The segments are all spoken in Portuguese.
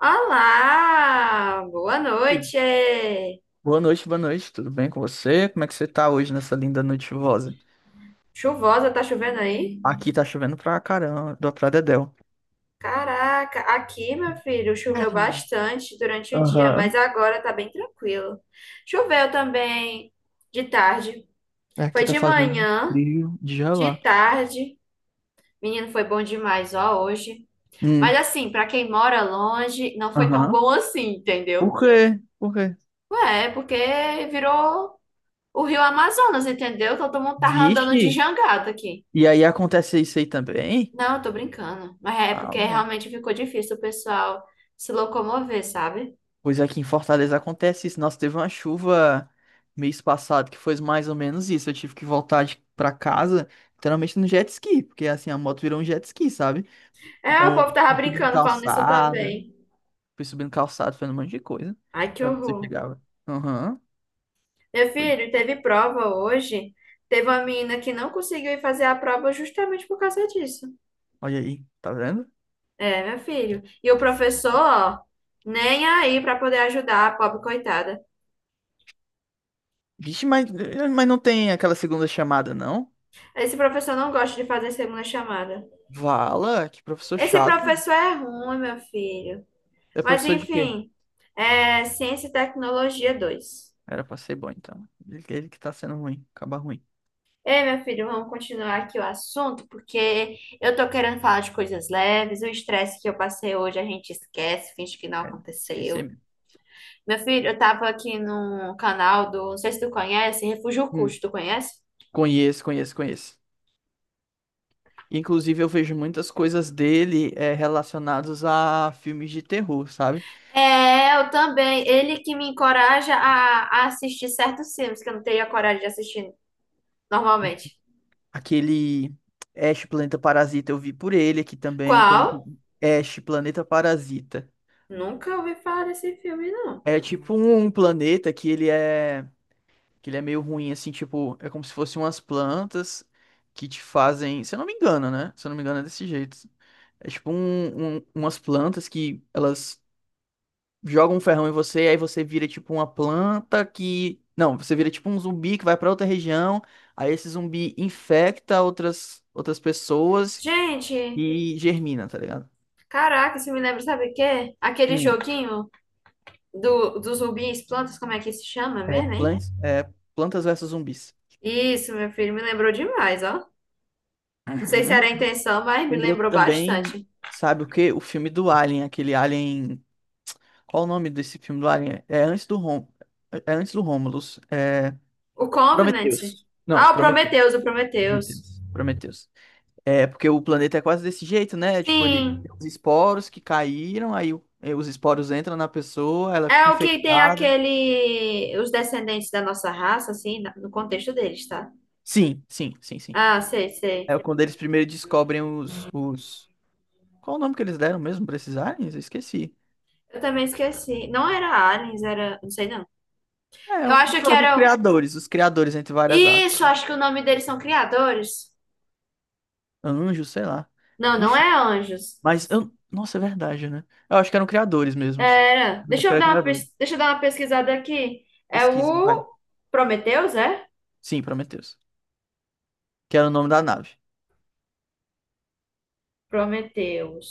Olá, boa noite. Boa noite, tudo bem com você? Como é que você tá hoje nessa linda noite chuvosa? Chuvosa, tá chovendo aí? Aqui tá chovendo pra caramba, pra Dedéu. Caraca, aqui, meu filho, choveu bastante durante o dia, mas Aham. agora tá bem tranquilo. Choveu também de tarde. Foi Aqui tá de fazendo um manhã, frio de de gelar. tarde. Menino, foi bom demais, ó, hoje. Mas Hum. assim, pra quem mora longe, não foi tão Aham. bom assim, entendeu? Por quê? Por quê? Ué, é porque virou o Rio Amazonas, entendeu? Todo mundo tava andando de Vixe! jangada aqui. E aí acontece isso aí também? Não, eu tô brincando. Mas é Ah, porque bom. realmente ficou difícil o pessoal se locomover, sabe? Pois aqui em Fortaleza acontece isso. Nossa, teve uma chuva mês passado que foi mais ou menos isso. Eu tive que voltar pra casa, literalmente no jet ski, porque assim, a moto virou um jet ski, sabe? É, o Então, eu povo tava brincando falando isso também. fui subindo calçada, fazendo um monte de coisa Ai, que pra ver se eu horror. chegava. Aham, Meu foi. filho, teve prova hoje. Teve uma menina que não conseguiu ir fazer a prova justamente por causa disso. Olha aí, tá vendo? É, meu filho. E o Difí- professor, ó, nem aí pra poder ajudar a pobre coitada. Vixe, mas, mas não tem aquela segunda chamada, não? Esse professor não gosta de fazer segunda chamada. Vala, que professor Esse chato. professor é ruim, meu filho. É Mas professor de quê? enfim, é Ciência e Tecnologia 2. Era pra ser bom, então. Ele que tá sendo ruim, acaba ruim. Ei, meu filho, vamos continuar aqui o assunto, porque eu tô querendo falar de coisas leves. O estresse que eu passei hoje a gente esquece, finge que não É, esqueci aconteceu. mesmo. Meu filho, eu tava aqui num canal do, não sei se tu conhece, Refúgio Hum, Custo, tu conhece? Conheço, conheço, conheço. Inclusive, eu vejo muitas coisas dele relacionadas a filmes de terror, sabe? É, eu também. Ele que me encoraja a assistir certos filmes que eu não teria coragem de assistir normalmente. Aquele Ash Planeta Parasita eu vi por ele aqui também, porque eu nunca. Qual? Ash Planeta Parasita. Nunca ouvi falar desse filme, não. É tipo um planeta que ele é meio ruim assim, tipo, é como se fossem umas plantas que te fazem, se eu não me engano, né? Se eu não me engano é desse jeito. É tipo umas plantas que elas jogam um ferrão em você, aí você vira tipo uma planta que, não, você vira tipo um zumbi que vai pra outra região, aí esse zumbi infecta outras pessoas Gente, e germina, tá ligado? caraca, isso me lembra, sabe o quê? Aquele Hum. joguinho. Dos rubins, plantas, como é que se chama É, mesmo, hein? Plantas versus Zumbis. Isso, meu filho, me lembrou demais, ó. Não sei se Uhum. era a intenção, mas me Lembrou lembrou também, bastante. sabe o quê? O filme do Alien, aquele Alien. Qual o nome desse filme do Alien? É antes do Romulus. É O Covenant. Prometheus. Não, Ah, o Prometheus. Prometheus, o Prometheus. Prometheus. Prometheus. É porque o planeta é quase desse jeito, né? Tipo, ele Sim, tem os esporos que caíram, aí os esporos entram na pessoa, ela é fica o que tem infectada. aquele. Os descendentes da nossa raça, assim, na- no contexto deles, tá? Sim, sim, sim, sim. Ah, sei, sei. É quando eles primeiro descobrem os. Qual o nome que eles deram mesmo pra esses aliens? Eu esqueci. Eu também esqueci. Não era aliens, era. Não sei, não. É, Eu acho que pronto, era. Os criadores entre várias Isso, aspas. acho que o nome deles são criadores. Anjos, sei lá. Não, não Enfim, é anjos. mas eu... Nossa, é verdade, né? Eu acho que eram criadores mesmos. Era. Acho Deixa que eu era dar uma, criadores. pes- deixa eu dar uma pesquisada aqui. É Pesquisem, vai. o Prometheus, é? Sim, Prometheus. Que era o nome da nave.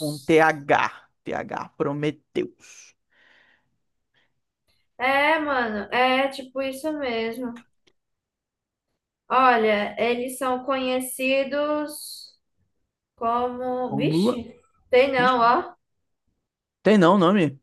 T H T H Prometheus. É, mano, é tipo isso mesmo. Olha, eles são conhecidos como. Como? Vixe, tem não, Vixe. ó. Tem não o nome?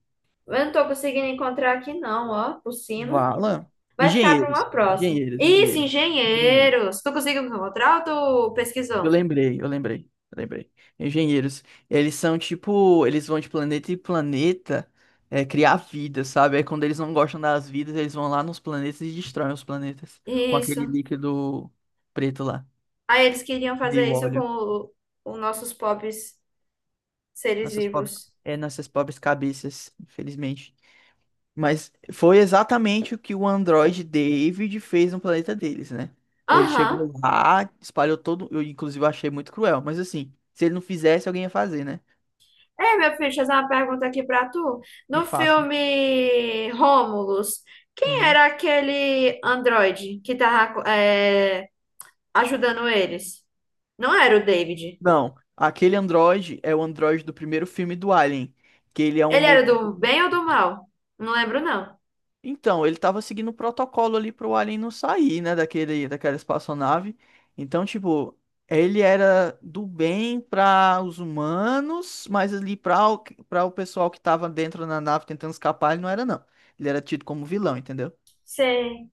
Eu não tô conseguindo encontrar aqui, não, ó, por cima. Vala. Vai ficar para Engenheiros. uma próxima. Engenheiros, Isso, engenheiros. Engenheiros. engenheiros. Tu conseguiu encontrar ou tu Eu pesquisou? lembrei, eu lembrei, eu lembrei. Engenheiros, eles são tipo, eles vão de planeta em planeta criar vida, sabe? Aí quando eles não gostam das vidas, eles vão lá nos planetas e destroem os planetas com aquele Isso. líquido preto lá, Aí eles queriam de fazer isso com óleo. o- os nossos pobres. Seres Nossas pobres, vivos. nossas pobres cabeças, infelizmente. Mas foi exatamente o que o androide David fez no planeta deles, né? Ele Aham. chegou lá, espalhou todo, eu inclusive achei muito cruel, mas assim, se ele não fizesse, alguém ia fazer, né? É, meu filho, deixa eu fazer uma pergunta aqui pra tu. Me No faça. filme Rômulus, quem Uhum. era aquele androide que tava ajudando eles? Não era o David. Não, aquele Android é o Android do primeiro filme do Alien, que ele é um Ele era modelo. do bem ou do mal? Não lembro, não. Então, ele tava seguindo o protocolo ali pro Alien não sair, né, daquele, daquela espaçonave. Então, tipo, ele era do bem para os humanos, mas ali para o pessoal que tava dentro da nave tentando escapar, ele não era, não. Ele era tido como vilão, entendeu? Sei.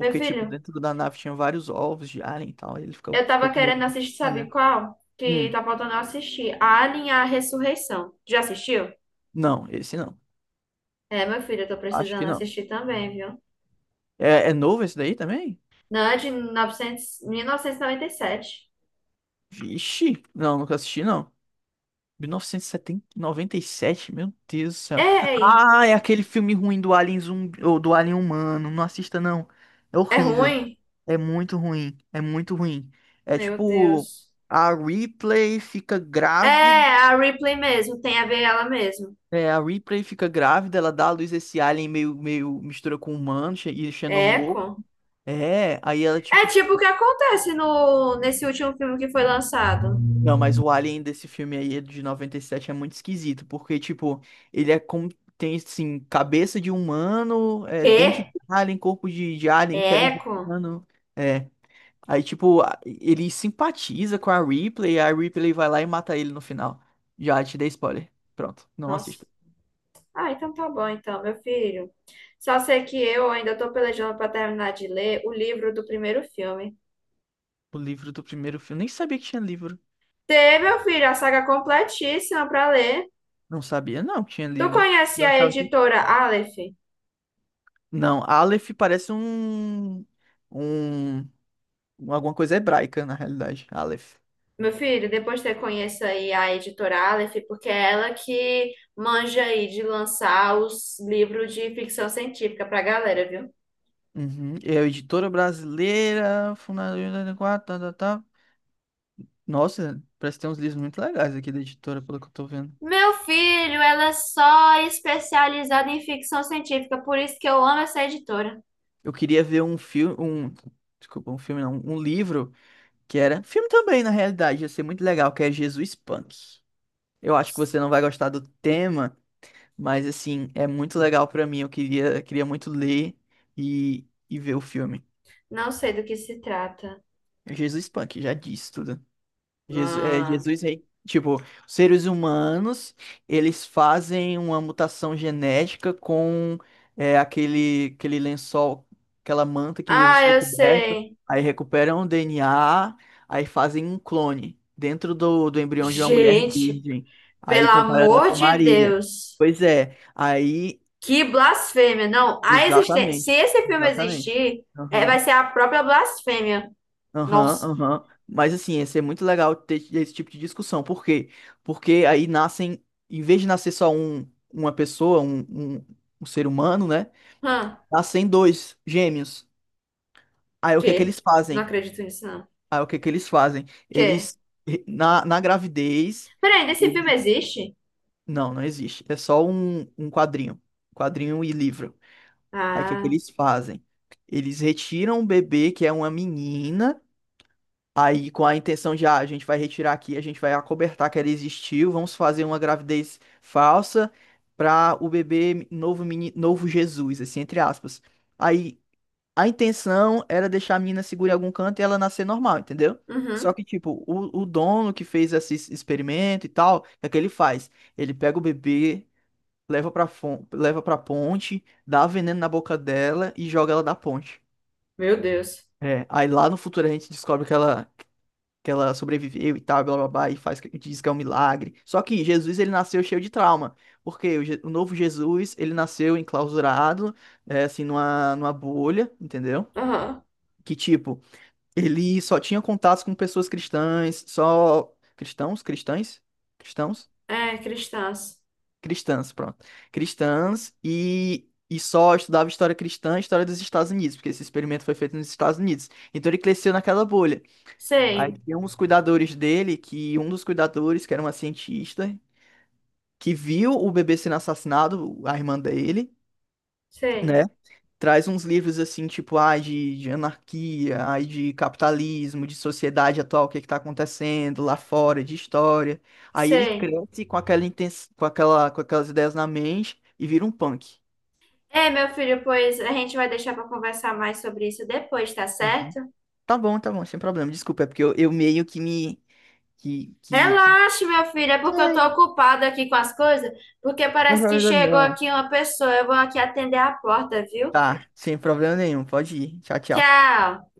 Meu tipo, filho, dentro da nave tinha vários ovos de Alien e tal, e ele ficou, eu tava ficou com medo querendo de assistir, sabe falhar. qual? Que Hum, tá faltando eu assistir. Alien, e a Ressurreição. Já assistiu? não, esse não. É, meu filho, eu tô Acho precisando que não. assistir também, viu? É novo esse daí também? Não, é de 900, 1997. Ixi, não, nunca assisti, não. 1997, meu Deus do céu. Ei, Ah, é aquele filme ruim do Alien zumbi, ou do Alien humano. Não assista, não. É é horrível. ruim? É muito ruim. É muito ruim. É Meu tipo, Deus. a Ripley fica É, grávida. a Ripley mesmo, tem a ver ela mesmo. É, a Ripley fica grávida, ela dá à luz esse alien meio mistura com humano, e É, xenomorfo. Echo. É, aí ela, É tipo, tipo o que acontece no, nesse último filme que foi lançado. não, mas o Alien desse filme aí é de 97 é muito esquisito, porque, tipo, ele é como tem, assim, cabeça de humano, dente Quê? de alien, corpo de alien, É pele de Echo? humano. É. Aí, tipo, ele simpatiza com a Ripley vai lá e mata ele no final. Já te dei spoiler. Pronto, não Nossa. assista. Ah, então tá bom, então, meu filho. Só sei que eu ainda tô pelejando pra terminar de ler o livro do primeiro filme. O livro do primeiro filme, nem sabia que tinha livro. Tê, meu filho, a saga completíssima pra ler. Não sabia, não, que tinha Tu livro. conhece Eu a achava que- editora Aleph? Não, Aleph parece um, alguma coisa hebraica, na realidade. Aleph. Meu filho, depois você conheça aí a editora Aleph, porque é ela que manja aí de lançar os livros de ficção científica pra galera, viu? Uhum. É a editora brasileira, fundadora em 84, tá, tá, tá. Nossa, parece que tem uns livros muito legais aqui da editora, pelo que eu tô vendo. Meu filho, ela é só especializada em ficção científica, por isso que eu amo essa editora. Eu queria ver um filme, um, desculpa, um filme não, um livro que era, filme também, na realidade, ia ser muito legal, que é Jesus Punk. Eu acho que você não vai gostar do tema, mas assim, é muito legal pra mim, eu queria muito ler e ver o filme. Não sei do que se trata. É Jesus Punk, já disse tudo. Mano. Jesus rei. Tipo, os seres humanos, eles fazem uma mutação genética com aquele lençol, aquela manta que Jesus Ah, foi eu coberto. sei. Aí recuperam o DNA, aí fazem um clone dentro do embrião de uma mulher Gente, virgem. pelo Aí comparando ela amor com de Maria. Deus. Pois é, aí, Que blasfêmia. Não, a existência. Se exatamente, esse filme exatamente. existir, é, vai Aham. ser a própria blasfêmia. Aham, Nossa. aham. Mas assim, ia ser muito legal ter esse tipo de discussão. Por quê? Porque aí nascem, em vez de nascer só um, uma pessoa, um, um ser humano, né? Hã. Nascem dois gêmeos. Aí o que é que Que? eles Não fazem? acredito nisso, não. Aí o que é que eles fazem? Quê? Eles, na gravidez. Peraí, nesse filme Eles- existe? Não, não existe. É só um quadrinho. Quadrinho e livro. Aí o que é que Ah, eles fazem? Eles retiram o bebê, que é uma menina, aí, com a intenção de, ah, a gente vai retirar aqui, a gente vai acobertar que ela existiu, vamos fazer uma gravidez falsa para o bebê novo, novo Jesus, assim, entre aspas. Aí, a intenção era deixar a menina segura em algum canto e ela nascer normal, entendeu? Só uhum. que, tipo, o dono que fez esse experimento e tal, o que é que ele faz? Ele pega o bebê, leva pra ponte, dá veneno na boca dela e joga ela da ponte. Meu Deus. É, aí lá no futuro a gente descobre que ela, sobreviveu e tal, blá blá blá, e faz, diz que é um milagre. Só que Jesus, ele nasceu cheio de trauma, porque o novo Jesus, ele nasceu enclausurado, assim, numa bolha, entendeu? Aham. Que, tipo, ele só tinha contatos com pessoas cristãs, só... Cristãos? Cristãs? Cristãos? É, cristãs. Cristãs, pronto. Cristãs e... E só estudava história cristã e história dos Estados Unidos, porque esse experimento foi feito nos Estados Unidos. Então ele cresceu naquela bolha. Aí Sei, tinha uns cuidadores dele, que um dos cuidadores, que era uma cientista, que viu o bebê sendo assassinado, a irmã dele, sei, né? Traz uns livros assim, tipo, ai, de anarquia, ai, de capitalismo, de sociedade atual, o que é que tá acontecendo lá fora, de história. Aí ele sei. cresce com aquela, intens... com aquela, com aquelas ideias na mente e vira um punk. É, meu filho, pois a gente vai deixar pra conversar mais sobre isso depois, tá Uhum. certo? Tá bom, sem problema. Desculpa, é porque eu meio que me. Que... Relaxe, meu filho, é porque eu Ai, tô ocupada aqui com as coisas, porque parece que eu chegou não. aqui uma pessoa. Eu vou aqui atender a porta, viu? Tá, sem problema nenhum. Pode ir. Tchau, tchau. Tchau.